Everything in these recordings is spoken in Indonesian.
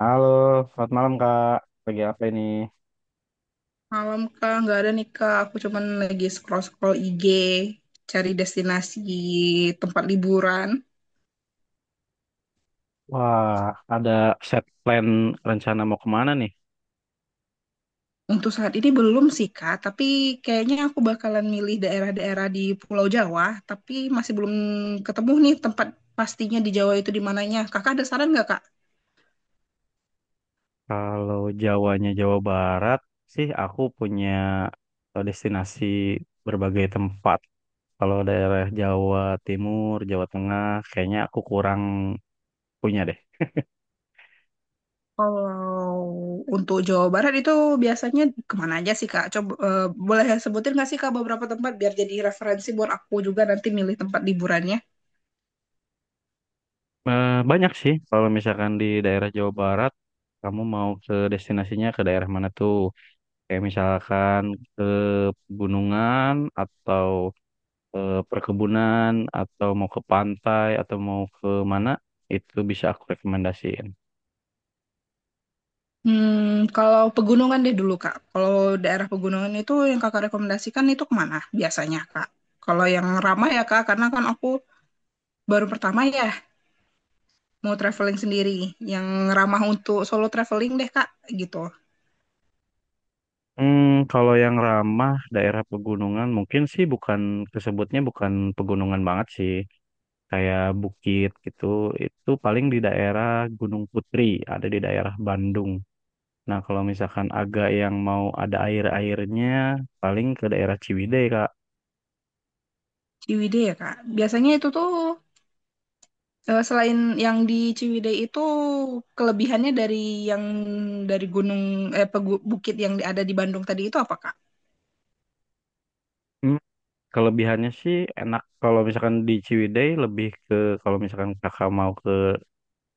Halo, selamat malam Kak. Lagi apa ini? Malam Kak, nggak ada nih Kak. Aku cuman lagi scroll-scroll IG, cari destinasi tempat liburan. Wah, ada set plan rencana mau kemana nih? Untuk saat ini belum sih Kak, tapi kayaknya aku bakalan milih daerah-daerah di Pulau Jawa, tapi masih belum ketemu nih tempat pastinya di Jawa itu di mananya. Kakak ada saran nggak Kak? Kalau Jawanya Jawa Barat sih, aku punya destinasi berbagai tempat. Kalau daerah Jawa Timur, Jawa Tengah, kayaknya aku kurang punya deh. Kalau untuk Jawa Barat itu biasanya kemana aja sih Kak? Coba boleh sebutin nggak sih Kak beberapa tempat biar jadi referensi buat aku juga nanti milih tempat liburannya? Banyak sih, kalau misalkan di daerah Jawa Barat, kamu mau ke destinasinya ke daerah mana tuh? Kayak misalkan ke pegunungan atau ke perkebunan atau mau ke pantai atau mau ke mana itu bisa aku rekomendasiin. Hmm, kalau pegunungan deh dulu, Kak. Kalau daerah pegunungan itu yang Kakak rekomendasikan itu kemana biasanya, Kak? Kalau yang ramah ya, Kak, karena kan aku baru pertama ya mau traveling sendiri. Yang ramah untuk solo traveling deh, Kak, gitu. Hmm, kalau yang ramah daerah pegunungan mungkin sih bukan tersebutnya bukan pegunungan banget sih. Kayak bukit gitu, itu paling di daerah Gunung Putri, ada di daerah Bandung. Nah, kalau misalkan agak yang mau ada air-airnya, paling ke daerah Ciwidey, Kak. Ciwidey ya, Kak. Biasanya itu tuh selain yang di Ciwidey itu kelebihannya dari yang dari gunung bukit yang ada di Bandung tadi itu apa, Kak? Hmm, kelebihannya sih enak kalau misalkan di Ciwidey lebih ke kalau misalkan kakak mau ke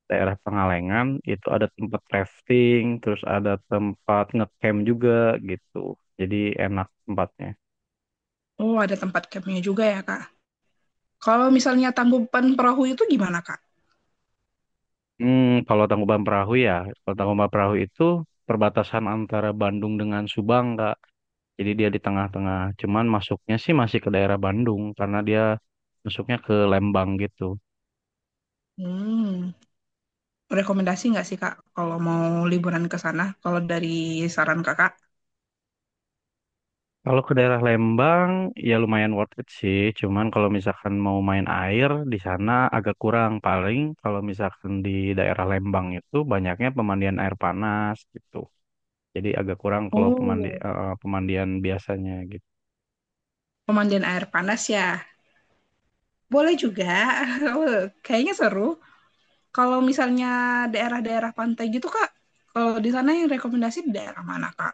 daerah Pengalengan itu ada tempat rafting, terus ada tempat ngecamp juga gitu. Jadi enak tempatnya. Oh, ada tempat campnya juga ya, Kak. Kalau misalnya tangkuban perahu itu gimana, Kak? Hmm, kalau Tangkuban Perahu ya, kalau Tangkuban Perahu itu perbatasan antara Bandung dengan Subang, Kak. Jadi dia di tengah-tengah. Cuman masuknya sih masih ke daerah Bandung karena dia masuknya ke Lembang gitu. Hmm. Rekomendasi nggak sih Kak kalau mau liburan ke sana? Kalau dari saran Kakak, Kalau ke daerah Lembang ya lumayan worth it sih. Cuman kalau misalkan mau main air di sana agak kurang. Paling kalau misalkan di daerah Lembang itu banyaknya pemandian air panas gitu. Jadi agak kurang kalau oh, pemandian biasanya gitu. pemandian air panas ya. Boleh juga. Kayaknya seru. Kalau misalnya daerah-daerah pantai gitu Kak, kalau di sana yang rekomendasi di daerah mana Kak?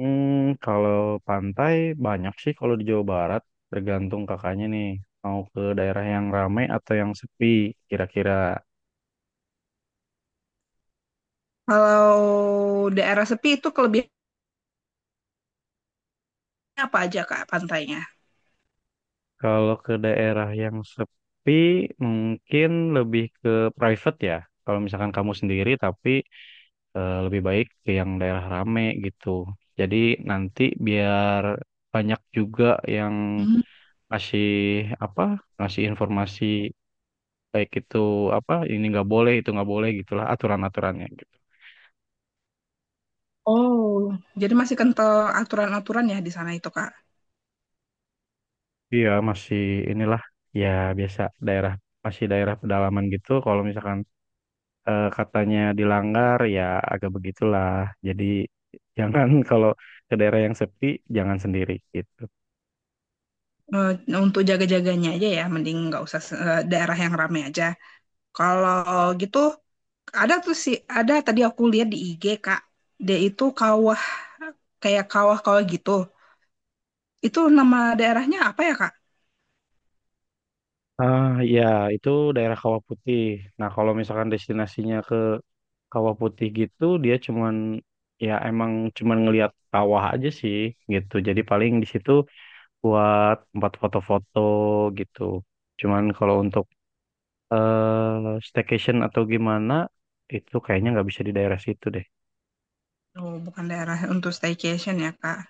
Hmm, kalau pantai banyak sih kalau di Jawa Barat tergantung kakaknya nih mau ke daerah yang ramai atau yang sepi kira-kira. Kalau daerah sepi itu kelebihannya apa aja Kak pantainya? Kalau ke daerah yang sepi, mungkin lebih ke private ya. Kalau misalkan kamu sendiri, tapi lebih baik ke yang daerah rame gitu. Jadi nanti biar banyak juga yang Hmm, ngasih apa, ngasih informasi baik itu apa, ini nggak boleh, itu nggak boleh gitulah aturan-aturannya gitu. oh, jadi masih kental aturan-aturan ya di sana itu Kak. Iya masih inilah ya biasa daerah masih daerah pedalaman gitu. Kalau misalkan katanya dilanggar ya agak begitulah. Jadi jangan kalau ke daerah yang sepi jangan sendiri gitu. Eh, untuk jaga-jaganya aja ya, mending nggak usah daerah yang ramai aja. Kalau gitu ada tuh sih, ada tadi aku lihat di IG, Kak. Dia itu kawah, kayak kawah-kawah gitu. Itu nama daerahnya apa ya, Kak? Ah ya itu daerah Kawah Putih. Nah kalau misalkan destinasinya ke Kawah Putih gitu dia cuman ya emang cuman ngelihat kawah aja sih gitu. Jadi paling di situ buat tempat foto-foto gitu. Cuman kalau untuk staycation atau gimana itu kayaknya nggak bisa di daerah situ deh. Oh, bukan daerah untuk staycation ya, Kak.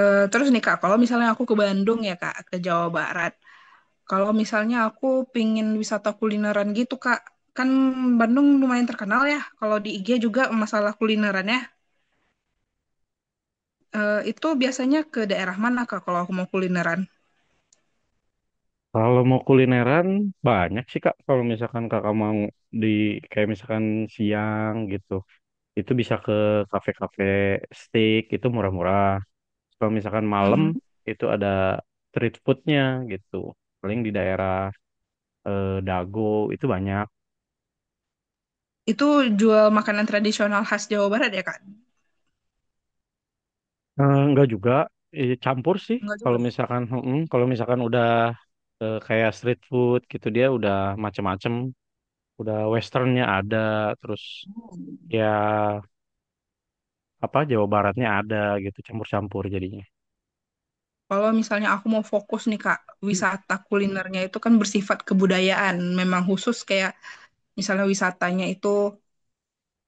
Eh, terus nih, Kak, kalau misalnya aku ke Bandung ya, Kak, ke Jawa Barat. Kalau misalnya aku pingin wisata kulineran gitu, Kak. Kan Bandung lumayan terkenal ya, kalau di IG juga masalah kulinerannya. Eh, itu biasanya ke daerah mana, Kak, kalau aku mau kulineran? Kalau mau kulineran banyak sih Kak. Kalau misalkan Kakak mau di kayak misalkan siang gitu, itu bisa ke kafe-kafe steak itu murah-murah. Kalau misalkan malam Mm-mm. itu ada street foodnya gitu. Paling di daerah Dago itu banyak. Itu jual makanan tradisional khas Jawa Barat ya, Kak? Enggak juga campur sih. Enggak juga. Kalau misalkan udah kayak street food gitu dia udah macem-macem. Udah westernnya ada terus Hmm. ya apa Jawa Baratnya ada gitu campur-campur jadinya. Kalau misalnya aku mau fokus nih Kak, Hmm. wisata kulinernya itu kan bersifat kebudayaan. Memang khusus kayak misalnya wisatanya itu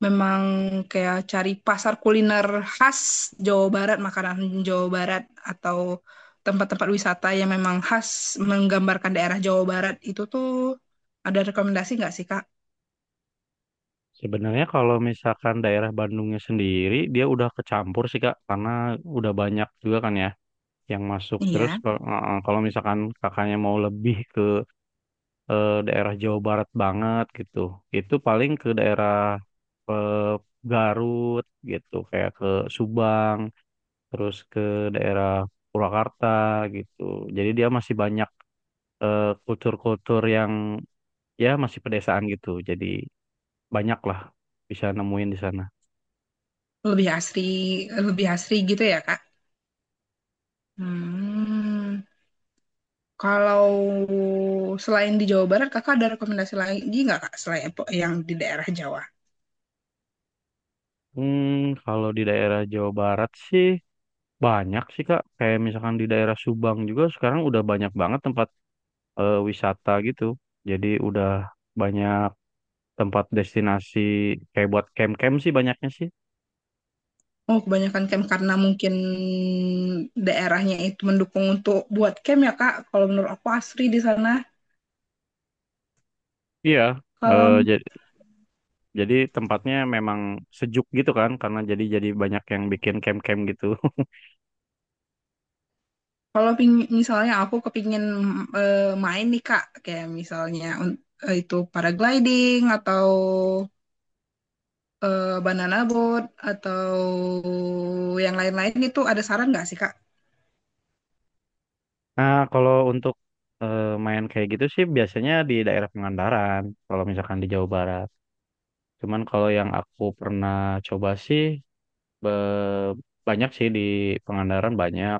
memang kayak cari pasar kuliner khas Jawa Barat, makanan Jawa Barat atau tempat-tempat wisata yang memang khas menggambarkan daerah Jawa Barat itu tuh ada rekomendasi nggak sih Kak? Sebenarnya kalau misalkan daerah Bandungnya sendiri dia udah kecampur sih Kak karena udah banyak juga kan ya yang masuk. Terus Iya, kalau misalkan kakaknya mau lebih ke daerah Jawa Barat banget gitu. Itu paling ke daerah eh, Garut gitu kayak ke Subang, terus ke daerah Purwakarta gitu. Jadi dia masih banyak kultur-kultur yang ya masih pedesaan gitu jadi banyak lah bisa nemuin di sana. lebih asri, lebih asri gitu ya Kak? Hmm. Kalau selain di Jawa Barat, kakak ada rekomendasi lagi nggak kak selain yang di daerah Jawa? Hmm, kalau di daerah Jawa Barat sih banyak sih Kak kayak misalkan di daerah Subang juga sekarang udah banyak banget tempat wisata gitu jadi udah banyak tempat destinasi kayak buat camp-camp sih banyaknya sih. Oh, kebanyakan camp karena mungkin daerahnya itu mendukung untuk buat camp ya kak. Kalau menurut aku asri di sana. Iya Kalau eh, jadi jadi tempatnya memang sejuk gitu kan karena jadi banyak yang bikin camp-camp gitu kalau ping- misalnya aku kepingin eh, main nih kak, kayak misalnya itu paragliding atau banana boat atau yang lain-lain itu ada saran nggak sih kak? Nah, kalau untuk eh, main kayak gitu sih biasanya di daerah Pangandaran, kalau misalkan di Jawa Barat. Cuman kalau yang aku pernah coba sih be- banyak sih di Pangandaran banyak,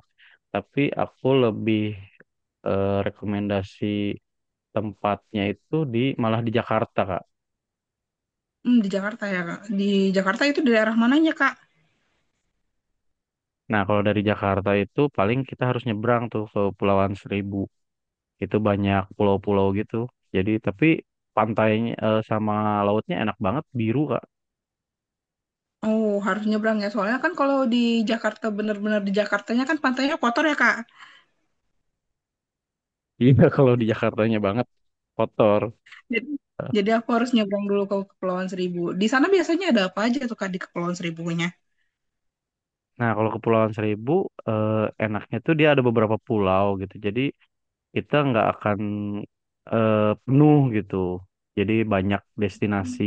tapi aku lebih rekomendasi tempatnya itu di malah di Jakarta, Kak. Hmm, di Jakarta ya kak. Di Jakarta itu di daerah mananya kak? Nah, kalau dari Jakarta itu paling kita harus nyebrang tuh ke Pulauan Seribu. Itu banyak pulau-pulau gitu. Jadi tapi pantainya sama lautnya enak banget biru, Kak. Oh, harus nyebrang ya. Soalnya kan kalau di Jakarta bener-bener di Jakartanya kan pantainya kotor ya, Kak. Iya kalau di Jakartanya banget kotor. Jadi, jadi aku harus nyebrang dulu ke Kepulauan Seribu. Di sana biasanya ada apa aja tuh, Kak, di Kepulauan Seribunya? Nah kalau Kepulauan Seribu eh, enaknya tuh dia ada beberapa pulau gitu. Jadi kita nggak akan eh, penuh gitu. Jadi banyak destinasi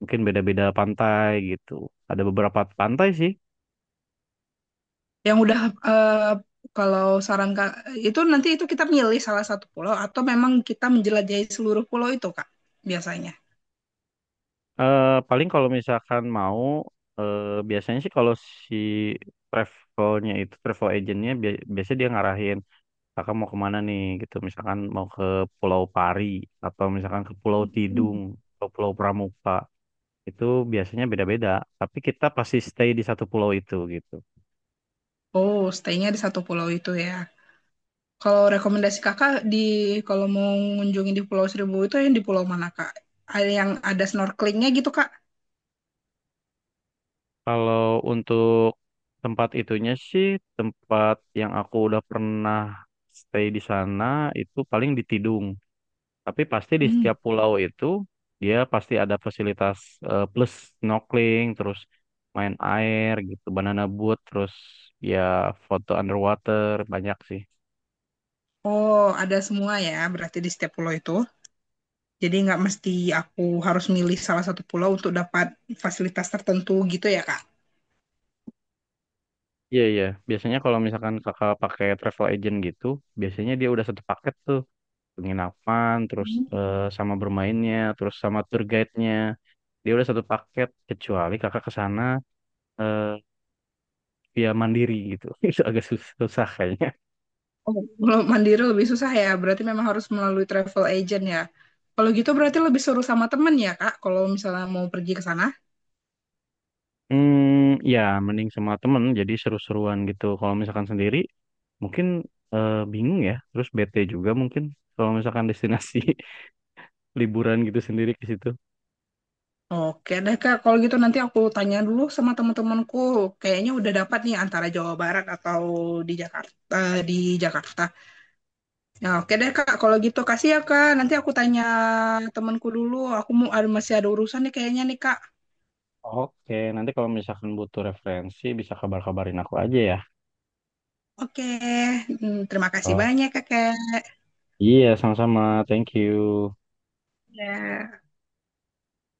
mungkin beda-beda pantai gitu. Ada beberapa pantai sih. Yang udah eh, kalau saran Kak itu nanti itu kita milih salah satu pulau atau memang kita menjelajahi seluruh pulau itu, Kak, biasanya. Eh, paling kalau misalkan mau eh, biasanya sih kalau si travelnya itu travel agentnya biasanya dia ngarahin. Kakak mau kemana nih gitu misalkan mau ke Pulau Pari atau misalkan ke Pulau Tidung atau Pulau Pramuka itu biasanya beda-beda tapi kita pasti stay di satu pulau itu gitu. Oh, stay-nya di satu pulau itu ya. Kalau rekomendasi Kakak kalau mau mengunjungi di Pulau Seribu itu yang di pulau mana, Kak? Ada yang ada snorkelingnya gitu, Kak? Kalau untuk tempat itunya sih tempat yang aku udah pernah stay di sana itu paling di Tidung. Tapi pasti di Hmm. setiap pulau itu dia pasti ada fasilitas plus snorkeling, terus main air gitu, banana boat, terus ya foto underwater banyak sih. Oh, ada semua ya, berarti di setiap pulau itu. Jadi nggak mesti aku harus milih salah satu pulau untuk dapat fasilitas tertentu gitu ya, Kak? Iya iya, biasanya kalau misalkan kakak pakai travel agent gitu, biasanya dia udah satu paket tuh penginapan, terus Hmm. sama bermainnya, terus sama tour guide-nya, dia udah satu paket kecuali kakak ke sana eh, via mandiri gitu, itu agak susah, susah kayaknya. Oh, kalau mandiri lebih susah ya, berarti memang harus melalui travel agent ya. Kalau gitu berarti lebih seru sama temen ya, Kak, kalau misalnya mau pergi ke sana. Hmm, ya mending sama temen jadi seru-seruan gitu. Kalau misalkan sendiri mungkin bingung ya, terus bete juga mungkin kalau misalkan destinasi liburan gitu sendiri ke situ. Oke deh, Kak. Kalau gitu nanti aku tanya dulu sama teman-temanku. Kayaknya udah dapat nih antara Jawa Barat atau di Jakarta, di Jakarta. Ya oke deh Kak, kalau gitu kasih ya Kak. Nanti aku tanya temanku dulu. Aku mau ada masih ada urusan nih kayaknya nih Kak. Oke, nanti kalau misalkan butuh referensi bisa kabar-kabarin aku aja ya. Oke, hmm, terima kasih Oh. banyak Kakak. Iya, sama-sama. Thank you. Ya.